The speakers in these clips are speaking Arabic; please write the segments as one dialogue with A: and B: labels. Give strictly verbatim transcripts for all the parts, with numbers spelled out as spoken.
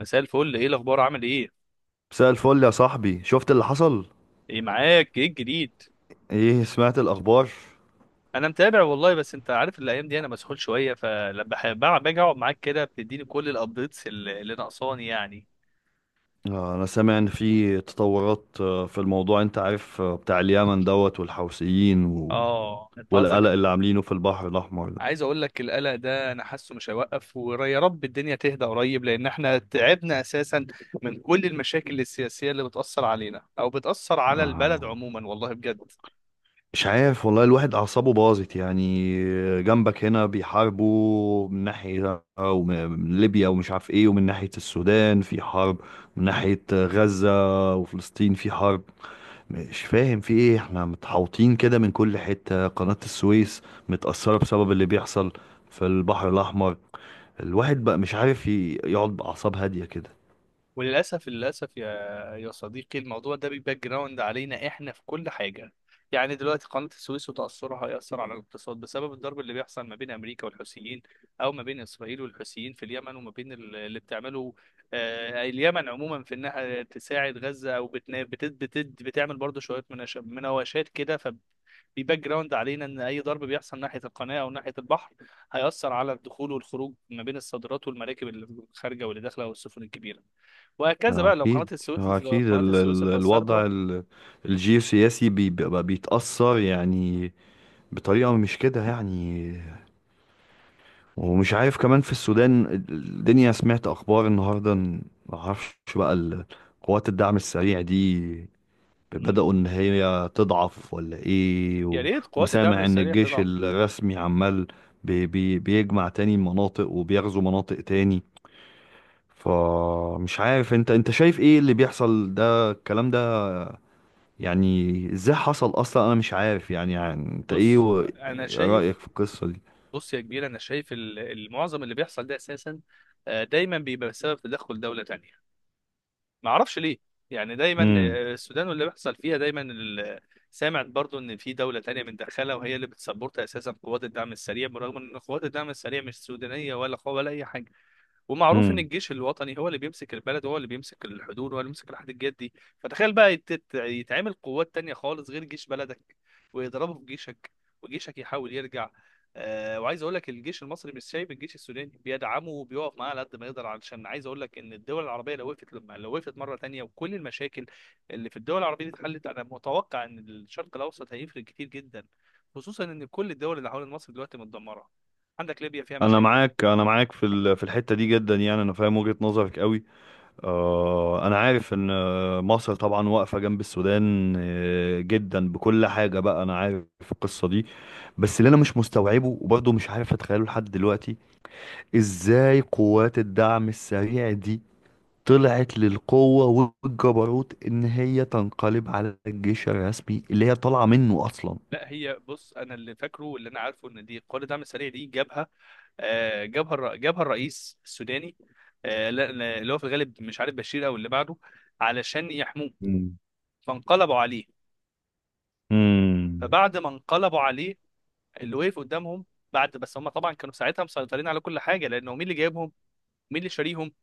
A: مساء الفل، ايه الاخبار؟ عامل ايه؟
B: مساء الفل يا صاحبي، شفت اللي حصل؟
A: ايه معاك؟ ايه الجديد؟
B: ايه، سمعت الاخبار؟
A: انا متابع والله، بس انت عارف الايام دي انا مسحول شويه، فلما بح- بع- باجي اقعد معاك كده بتديني كل الابديتس اللي اللي ناقصاني يعني.
B: آه، انا سامع ان في تطورات، آه، في الموضوع انت عارف، آه، بتاع اليمن دوت والحوثيين و...
A: اه انت قصدك.
B: والقلق اللي عاملينه في البحر الاحمر ده.
A: عايز اقول لك القلق ده انا حاسه مش هيوقف، ويا رب الدنيا تهدى قريب، لان احنا تعبنا اساسا من كل المشاكل السياسيه اللي بتاثر علينا او بتاثر على البلد
B: آه،
A: عموما، والله بجد.
B: مش عارف والله، الواحد اعصابه باظت يعني. جنبك هنا بيحاربوا من ناحية، أو من من ليبيا ومش عارف ايه، ومن ناحية السودان في حرب، من ناحية غزة وفلسطين في حرب. مش فاهم في ايه، احنا متحوطين كده من كل حتة. قناة السويس متأثرة بسبب اللي بيحصل في البحر الأحمر. الواحد بقى مش عارف ي- يقعد بأعصاب هادية كده.
A: وللاسف للاسف يا يا صديقي، الموضوع ده بيباك جراوند علينا احنا في كل حاجه. يعني دلوقتي قناه السويس وتاثرها هياثر على الاقتصاد بسبب الضرب اللي بيحصل ما بين امريكا والحوثيين، او ما بين اسرائيل والحوثيين في اليمن، وما بين ال- اللي بتعمله آه، اليمن عموما في انها تساعد غزه، او بتنا- بت- بت- بتعمل برضه شويه مناش- مناوشات كده. ف بيباك جراوند علينا ان اي ضرب بيحصل ناحيه القناه او ناحيه البحر هياثر على الدخول والخروج ما بين الصادرات والمراكب اللي خارجه واللي داخله والسفن الكبيره، وهكذا
B: ما
A: بقى. لو قناة
B: أكيد
A: السويس
B: ما
A: لو
B: أكيد
A: قناة
B: ال
A: السويس
B: ال
A: اتأثرت بقى.
B: الوضع ال الجيوسياسي بي- بيبقى بيتأثر يعني، بطريقة مش كده يعني. ومش عارف كمان، في السودان الدنيا سمعت أخبار النهاردة إن- ما أعرفش بقى ال- قوات الدعم السريع دي بدأوا
A: مم.
B: إن هي تضعف ولا إيه،
A: يا
B: و...
A: ريت قوات الدعم
B: وسامع إن
A: السريع
B: الجيش
A: تضعف.
B: الرسمي عمال بي... بي... بيجمع تاني مناطق وبيغزو مناطق تاني. فمش عارف، انت انت شايف ايه اللي بيحصل ده؟ الكلام ده يعني ازاي حصل اصلا؟ انا مش عارف يعني, يعني انت ايه
A: بص
B: و...
A: أنا شايف.
B: رأيك في القصة دي؟
A: بص يا كبير، أنا شايف ال- المعظم اللي بيحصل ده أساسا آه، دايما بيبقى بسبب تدخل دولة تانية. ما أعرفش ليه، يعني دايما
B: امم
A: آه، السودان واللي بيحصل فيها دايما ال- سامع برضو إن في دولة تانية متدخلة وهي اللي بتسبورت أساسا قوات الدعم السريع، برغم إن قوات الدعم السريع مش سودانية ولا ولا أي حاجة. ومعروف ان
B: امم
A: الجيش الوطني هو اللي بيمسك البلد، هو اللي بيمسك الحدود، هو اللي بيمسك الحديقات دي. فتخيل بقى يت- يت- يتعمل قوات تانية خالص غير جيش بلدك، ويضربوا في جيشك، وجيشك يحاول يرجع. آه، وعايز اقول لك الجيش المصري مش سايب الجيش السوداني، بيدعمه وبيقف معاه على قد ما يقدر، علشان عايز اقول لك ان الدول العربيه لو وقفت لما لو وقفت مره تانية وكل المشاكل اللي في الدول العربيه دي اتحلت، انا متوقع ان الشرق الاوسط هيفرق كتير جدا، خصوصا ان كل الدول اللي حوالين مصر دلوقتي متدمره. عندك ليبيا فيها
B: انا
A: مشاكل.
B: معاك انا معاك في ال... في الحتة دي جدا يعني، انا فاهم وجهة نظرك قوي. آه، أنا عارف إن آه، مصر طبعا واقفة جنب السودان آه، جدا بكل حاجة بقى. أنا عارف القصة دي، بس اللي أنا مش مستوعبه وبرضه مش عارف أتخيله لحد دلوقتي، إزاي قوات الدعم السريع دي طلعت للقوة والجبروت إن هي تنقلب على الجيش الرسمي اللي هي طالعة منه أصلا؟
A: لا هي بص، انا اللي فاكره واللي انا عارفه ان دي قوات الدعم السريع دي جابها آه، جابها الر- جابها الرئيس السوداني، آه، لا- لا- اللي هو في الغالب مش عارف بشير او اللي بعده، علشان يحموه.
B: مم.
A: فانقلبوا عليه.
B: مم.
A: فبعد ما انقلبوا عليه، اللي وقف قدامهم، بعد بس هم طبعا كانوا ساعتها مسيطرين على كل حاجه، لانه مين اللي جايبهم؟ مين اللي شاريهم؟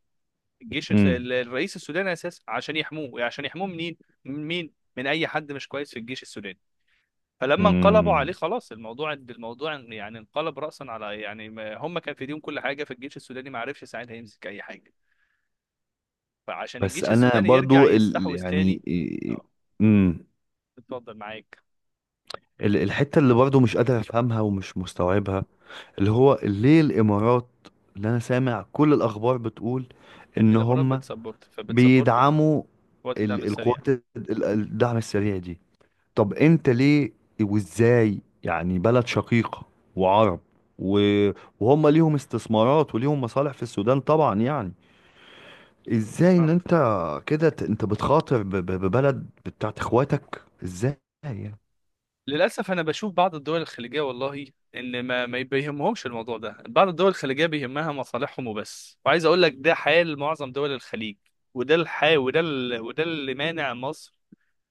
A: الجيش الس-
B: مم.
A: ال- الرئيس السوداني اساسا، عشان يحموه. عشان يحموه منين؟ من مين؟ من اي حد مش كويس في الجيش السوداني. فلما انقلبوا عليه
B: مم.
A: خلاص، الموضوع الموضوع يعني انقلب رأسا على يعني ما- هم كان في ايديهم كل حاجة، فالجيش السوداني ما عرفش ساعتها يمسك أي حاجة. فعشان
B: بس
A: الجيش
B: انا
A: السوداني يرجع
B: برضو ال...
A: يستحوذ تاني.
B: يعني
A: اه
B: آه، مم.
A: اتفضل معاك.
B: ال- الحتة اللي برضه مش قادر أفهمها ومش مستوعبها، اللي هو ليه الإمارات، اللي أنا سامع كل الأخبار بتقول
A: ان
B: إن
A: الامارات
B: هم
A: بتسبورت، فبتسبورت
B: بيدعموا
A: وقت الدعم
B: ال-
A: السريع.
B: القوات ال- ال- الدعم السريع دي؟ طب أنت ليه؟ وإزاي يعني بلد شقيقة وعرب، و- وهم ليهم استثمارات وليهم مصالح في السودان طبعا يعني، إزاي إن
A: اه
B: أنت كده ت- أنت بتخاطر ب- ب- ببلد بتاعت إخواتك إزاي يعني؟
A: للاسف، انا بشوف بعض الدول الخليجيه والله ان ما ما بيهمهمش الموضوع ده. بعض الدول الخليجيه بيهمها مصالحهم وبس، وعايز اقول لك ده حال معظم دول الخليج، وده الحال، وده ال... وده اللي مانع مصر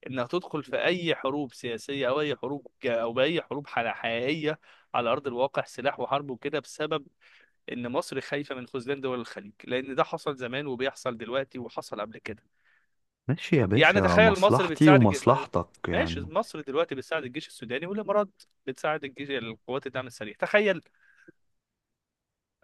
A: انك تدخل في اي حروب سياسيه او اي حروب جا- او باي حروب حل- حقيقيه على ارض الواقع، سلاح وحرب وكده، بسبب ان مصر خايفه من خذلان دول الخليج، لان ده حصل زمان وبيحصل دلوقتي وحصل قبل كده.
B: ماشي يا
A: يعني
B: باشا،
A: تخيل مصر
B: مصلحتي
A: بتساعد الج- ما-
B: ومصلحتك
A: ماشي،
B: يعني.
A: مصر دلوقتي بتساعد الجيش السوداني، والامارات بتساعد الجيش القوات الدعم السريع. تخيل،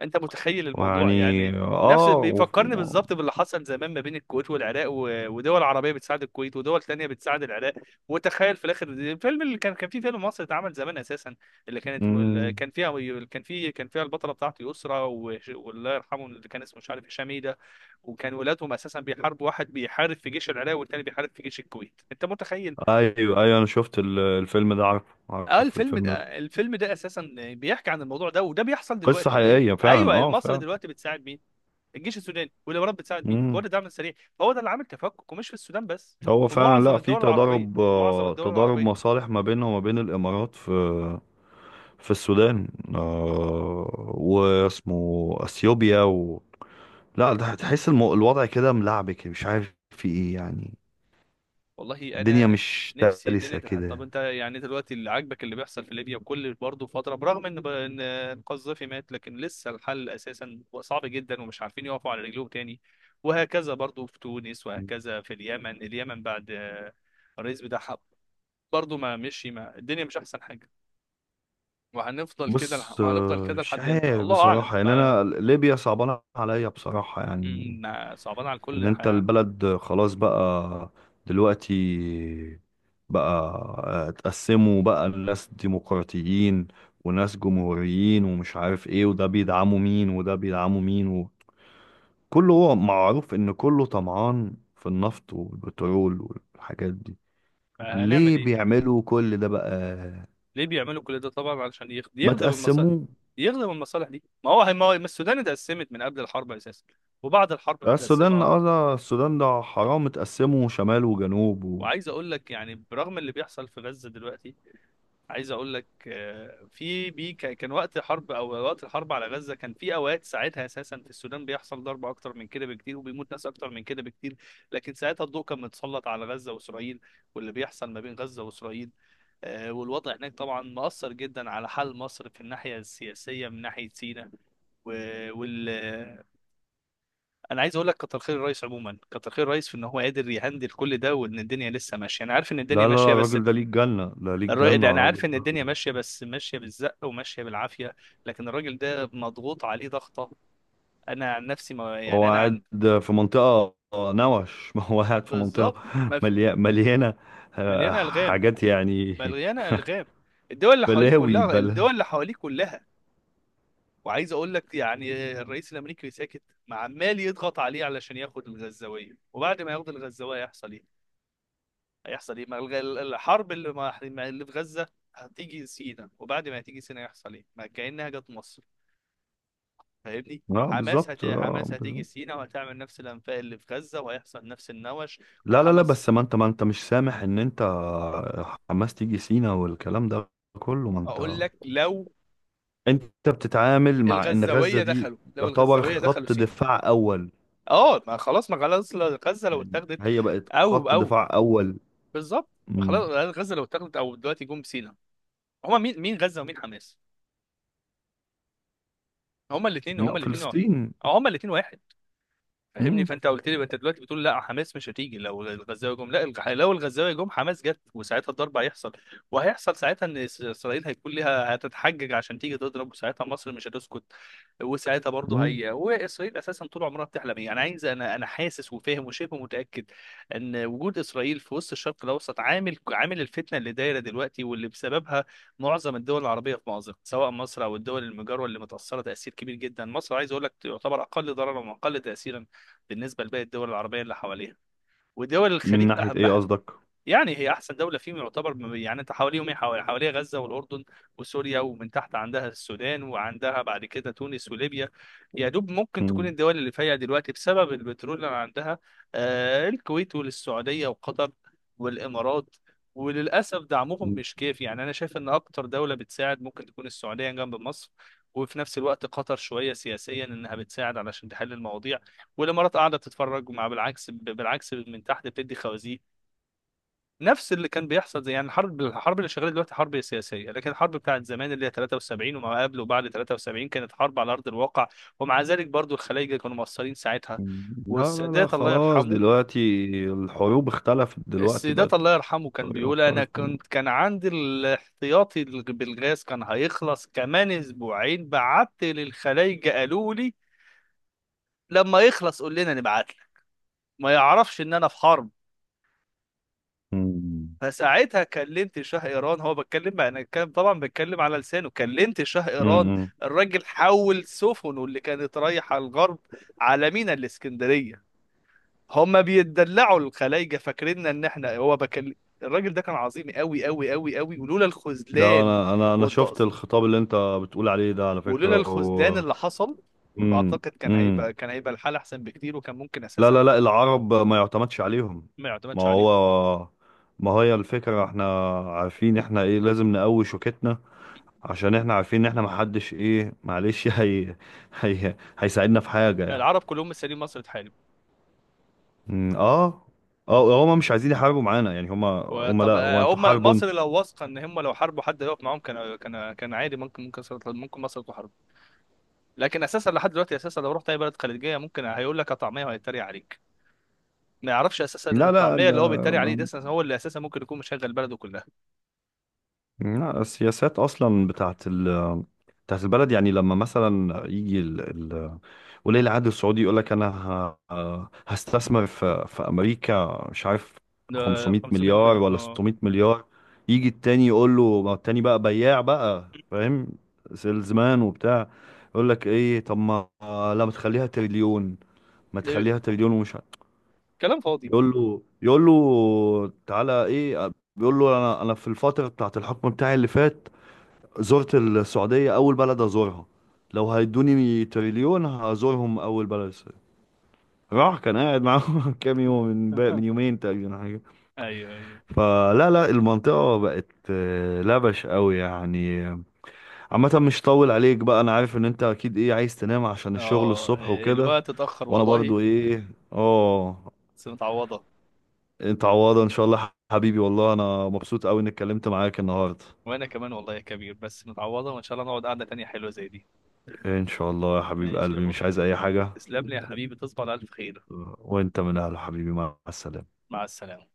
A: انت متخيل الموضوع
B: ويعني
A: يعني. نفس
B: اه، و...
A: بيفكرني
B: و...
A: بالظبط باللي حصل زمان ما بين الكويت والعراق، و- ودول عربيه بتساعد الكويت ودول تانية بتساعد العراق. وتخيل في الاخر، الفيلم اللي كان كان في فيلم مصري اتعمل زمان اساسا، اللي كانت اللي
B: مم.
A: كان فيها كان في كان فيها البطله بتاعته يسرا وش- والله يرحمه اللي كان اسمه مش عارف هشام ايه ده، وكان ولادهم اساسا بيحاربوا، واحد بيحارب في جيش العراق والتاني بيحارب في جيش الكويت، انت متخيل.
B: ايوه، ايوه، انا شفت ال- الفيلم ده، عارف
A: اه
B: عارف
A: الفيلم
B: الفيلم ده.
A: ده، الفيلم ده اساسا بيحكي عن الموضوع ده، وده بيحصل
B: قصة
A: دلوقتي اهي.
B: حقيقية فعلا،
A: ايوه،
B: اه،
A: مصر
B: فعلا.
A: دلوقتي بتساعد مين؟ الجيش السوداني، ولو رب بتساعد مين؟ هو ده
B: مم.
A: الدعم السريع. فهو ده اللي عامل تفكك، ومش في السودان بس،
B: هو
A: في
B: فعلا،
A: معظم
B: لا، في
A: الدول العربيه،
B: تضارب،
A: في معظم
B: آه
A: الدول
B: تضارب
A: العربيه.
B: مصالح ما بينها وما بين الامارات، في في السودان، آه واسمه اثيوبيا و... لا، ده تحس المو... الوضع كده ملعبك، مش عارف في ايه يعني.
A: والله
B: الدنيا
A: انا
B: مش
A: نفسي الدنيا
B: سلسة
A: تتحل. طب
B: كده.
A: انت يعني دلوقتي اللي عاجبك اللي بيحصل في ليبيا؟ وكل برضه فتره برغم ان ب- ان القذافي مات، لكن لسه الحل اساسا صعب جدا ومش عارفين يقفوا على رجلهم تاني. وهكذا برضه في تونس، وهكذا في اليمن. اليمن بعد آه، الرئيس بتاعها برضه ما مشي، ما الدنيا مش احسن حاجه. وهنفضل كده
B: بص،
A: لح- وهنفضل
B: آه،
A: كده
B: مش
A: لحد امتى؟
B: عارف
A: الله اعلم.
B: بصراحة يعني،
A: ما
B: أنا ليبيا صعبانة عليا بصراحة يعني،
A: مم، صعبان على
B: إن
A: الكل.
B: أنت
A: ح-
B: البلد خلاص بقى دلوقتي بقى. آه، اتقسموا بقى، الناس ديمقراطيين وناس جمهوريين، ومش عارف إيه، وده بيدعموا مين وده بيدعموا مين. وكله هو معروف إن كله طمعان في النفط والبترول والحاجات دي.
A: هنعمل
B: ليه
A: ايه؟
B: بيعملوا كل ده بقى؟
A: ليه بيعملوا كل ده؟ طبعا علشان يخ-
B: ما
A: يخدم المصالح،
B: تقسموه
A: يخدم المصالح دي. ما هو ما هو ما السودان اتقسمت من قبل الحرب اساسا، وبعد الحرب متقسمه
B: السودان
A: اكتر.
B: اه السودان ده حرام، اتقسموا شمال وجنوب و...
A: وعايز اقول لك يعني برغم اللي بيحصل في غزه دلوقتي، عايز اقول لك آه، في بي ك- كان وقت حرب او وقت الحرب على غزه، كان في اوقات ساعتها اساسا في السودان بيحصل ضرب اكتر من كده بكتير، وبيموت ناس اكتر من كده بكتير، لكن ساعتها الضوء كان متسلط على غزه واسرائيل واللي بيحصل ما بين غزه واسرائيل. آه، والوضع هناك طبعا مؤثر جدا على حال مصر في الناحيه السياسيه من ناحيه سيناء و- وال انا عايز اقول لك كتر خير الرئيس عموما، كتر خير الرئيس في ان هو قادر يهندل كل ده، وان الدنيا لسه ماشيه. انا عارف ان الدنيا
B: لا، لا،
A: ماشيه
B: لا،
A: بس
B: الراجل ده ليه الجنة، ده ليه
A: الراجل ده،
B: الجنة
A: انا
B: الراجل
A: عارف ان
B: ده.
A: الدنيا ماشيه بس ماشيه بالزق وماشيه بالعافيه، لكن الراجل ده مضغوط عليه ضغطه. انا عن نفسي ما
B: هو
A: يعني انا عن.
B: قاعد في منطقة، آه، نوش ما هو قاعد في منطقة
A: بالظبط. مف-
B: ملي... مليانة آه،
A: مليانه الغام
B: حاجات يعني،
A: مليانه الغام الدول اللي حواليك
B: بلاوي
A: كلها
B: بلا
A: الدول اللي حواليك كلها وعايز اقول لك يعني الرئيس الامريكي ساكت، ما عمال يضغط عليه علشان ياخد الغزاويه. وبعد ما ياخد الغزاويه هيحصل ايه؟ هيحصل ايه؟ ما الغ- الحرب اللي ما اللي في غزه هتيجي سينا، وبعد ما هتيجي سينا يحصل ايه؟ ما كانها جت مصر، فاهمني.
B: اه
A: حماس هت...
B: بالظبط، آه،
A: حماس هتيجي
B: بالظبط.
A: سينا وهتعمل نفس الانفاق اللي في غزه، وهيحصل نفس النوش.
B: لا، لا، لا،
A: وحماس
B: بس ما انت ما انت مش سامح ان انت حماس تيجي سينا والكلام ده كله؟ ما انت
A: اقول لك، لو
B: انت بتتعامل مع ان غزة
A: الغزاويه
B: دي
A: دخلوا، لو
B: يعتبر
A: الغزاويه دخلوا
B: خط
A: سينا.
B: دفاع اول.
A: اه، ما خلاص، ما خلاص. لو غزه لو
B: يعني
A: اتاخدت،
B: هي بقت
A: او
B: خط
A: او
B: دفاع أول.
A: بالظبط.
B: مم.
A: خلاص. غزه لو اتاخدت، او دلوقتي جم سينا، هما مين؟ مين غزه ومين حماس؟ هما الاثنين،
B: لا،
A: هما الاثنين،
B: فلسطين.
A: هما الاثنين واحد، فاهمني.
B: مم.
A: فانت قلت لي انت دلوقتي بتقول لا، حماس مش هتيجي لو الغزاوي جم. لا الغ- لو الغزاوي جم، حماس جت، وساعتها الضرب هيحصل. وهيحصل ساعتها ان إس- اسرائيل هيكون ليها هتتحجج عشان تيجي تضرب، وساعتها مصر مش هتسكت. وساعتها برضه
B: مم.
A: هي واسرائيل اساسا طول عمرها بتحلم ايه. انا عايز انا انا حاسس وفاهم وشبه متاكد ان وجود اسرائيل في وسط الشرق الاوسط عامل عامل الفتنه اللي دايره دلوقتي، واللي بسببها معظم الدول العربيه في مأزق، سواء مصر او الدول المجاوره اللي متاثره تاثير كبير جدا. مصر عايز اقول لك تعتبر اقل ضررا واقل تاثيرا بالنسبه لباقي الدول العربيه اللي حواليها ودول
B: من
A: الخليج.
B: ناحية
A: أنا
B: إيه
A: بح-
B: قصدك؟
A: يعني هي احسن دوله فيهم يعتبر. م- يعني انت حواليهم ايه؟ حوالي حواليها غزه والاردن وسوريا، ومن تحت عندها السودان، وعندها بعد كده تونس وليبيا. يا دوب ممكن تكون
B: مم.
A: الدول اللي فيها دلوقتي بسبب البترول اللي عندها آه الكويت والسعوديه وقطر والامارات. وللاسف دعمهم
B: مم.
A: مش كافي، يعني انا شايف ان اكتر دوله بتساعد ممكن تكون السعوديه جنب مصر، وفي نفس الوقت قطر شويه سياسيا انها بتساعد علشان تحل المواضيع، والامارات قاعده تتفرج. مع بالعكس، بالعكس، من تحت بتدي خوازيق. نفس اللي كان بيحصل زي يعني الحرب، الحرب اللي شغاله دلوقتي حرب سياسيه، لكن الحرب بتاعت زمان اللي هي تلاتة وسبعين وما قبل وبعد ثلاثة وسبعين كانت حرب على ارض الواقع. ومع ذلك برضو الخلايجه كانوا مقصرين ساعتها.
B: لا، لا، لا،
A: والسادات الله
B: خلاص،
A: يرحمه،
B: دلوقتي الحروب اختلفت، دلوقتي
A: السادات
B: بقت
A: الله يرحمه كان
B: طريقة
A: بيقول انا
B: مختلفة.
A: كنت كان عندي الاحتياطي بالغاز كان هيخلص كمان اسبوعين، بعت للخلايجه قالوا لي لما يخلص قول لنا نبعت لك. ما يعرفش ان انا في حرب.
B: مم.
A: فساعتها كلمت شاه ايران، هو بتكلم بقى، انا كان طبعا بتكلم على لسانه، كلمت شاه ايران.
B: مم.
A: الراجل حول سفنه اللي كانت رايحه الغرب على مينا الاسكندريه. هما بيتدلعوا الخلايجه، فاكريننا ان احنا هو بكلم. الراجل ده كان عظيم، قوي قوي قوي قوي، ولولا
B: لا،
A: الخذلان
B: أنا أنا أنا شفت
A: والتقص،
B: الخطاب اللي أنت بتقول عليه ده على
A: ولولا
B: فكرة
A: الخذلان
B: و...
A: اللي حصل،
B: مم.
A: بعتقد كان
B: مم.
A: هيبقى كان هيبقى الحال احسن بكتير، وكان ممكن
B: لا، لا،
A: اساسا.
B: لا، العرب ما يعتمدش عليهم.
A: ما
B: ما
A: يعتمدش عليهم،
B: هو، ما هي الفكرة، احنا عارفين احنا ايه، لازم نقوي شوكتنا عشان احنا عارفين ان احنا محدش، ايه، معلش هي هي هيساعدنا في حاجة يعني؟
A: العرب كلهم مستنيين مصر تحارب.
B: مم، اه، اه، هما مش عايزين يحاربوا معانا يعني. هما هما، لا،
A: وطب
B: هو
A: آه،
B: انتوا
A: هم
B: حاربوا
A: مصر
B: انتوا.
A: لو واثقه ان هم لو حاربوا حد يقف معاهم، كان كان كان عادي، ممكن ممكن مصر تطلع- ممكن مصر تحارب. لكن اساسا لحد دلوقتي اساسا، لو رحت اي بلد خليجيه ممكن هيقول لك طعميه وهيتريق عليك. ما يعرفش اساسا ان
B: لا، لا،
A: الطعميه
B: لا,
A: اللي هو بيتريق عليه ده
B: ما-
A: أساساً هو اللي اساسا ممكن يكون مشغل بلده كلها.
B: لا، السياسات اصلا بتاعت ال بتاعت البلد يعني، لما مثلا يجي ال... ال... ولي العهد السعودي يقول لك، انا ه... هستثمر في... في امريكا، مش عارف،
A: ده
B: 500
A: 500
B: مليار
A: مليون.
B: ولا
A: اه
B: 600 مليار. يجي التاني يقول له، ما التاني بقى بياع بقى فاهم، سيلزمان وبتاع، يقول لك ايه؟ طب ما لا، ما تخليها تريليون، ما
A: ده
B: تخليها تريليون ومش عارف.
A: كلام فاضي.
B: يقول له، يقول له تعالى ايه؟ بيقول له، انا انا في الفتره بتاعت الحكم بتاعي اللي فات زرت السعودية أول بلد أزورها، لو هيدوني تريليون هزورهم أول بلد السعودية. راح كان قاعد معاهم كام يوم، من بق- من يومين تقريبا حاجة.
A: ايوه ايوه.
B: فلا، لا، المنطقة بقت آه، لبش قوي يعني. عامة، مش طول عليك بقى، أنا عارف إن أنت أكيد إيه، عايز تنام عشان الشغل
A: اه
B: الصبح وكده.
A: الوقت اتاخر
B: وأنا
A: والله،
B: برضو إيه، آه،
A: بس متعوضه.
B: أنت عوضة إن شاء الله حبيبي. والله أنا مبسوط قوي إني اتكلمت معاك النهاردة.
A: وانا كمان والله يا كبير، بس متعوضه، وان شاء الله نقعد قعده تانية حلوه زي دي.
B: إن شاء الله يا حبيب
A: ماشي يا
B: قلبي،
A: بطل،
B: مش عايز أي حاجة.
A: تسلم لي يا حبيبي، تصبح على الف خير.
B: وانت من اهل، حبيبي، مع السلامة.
A: مع السلامة.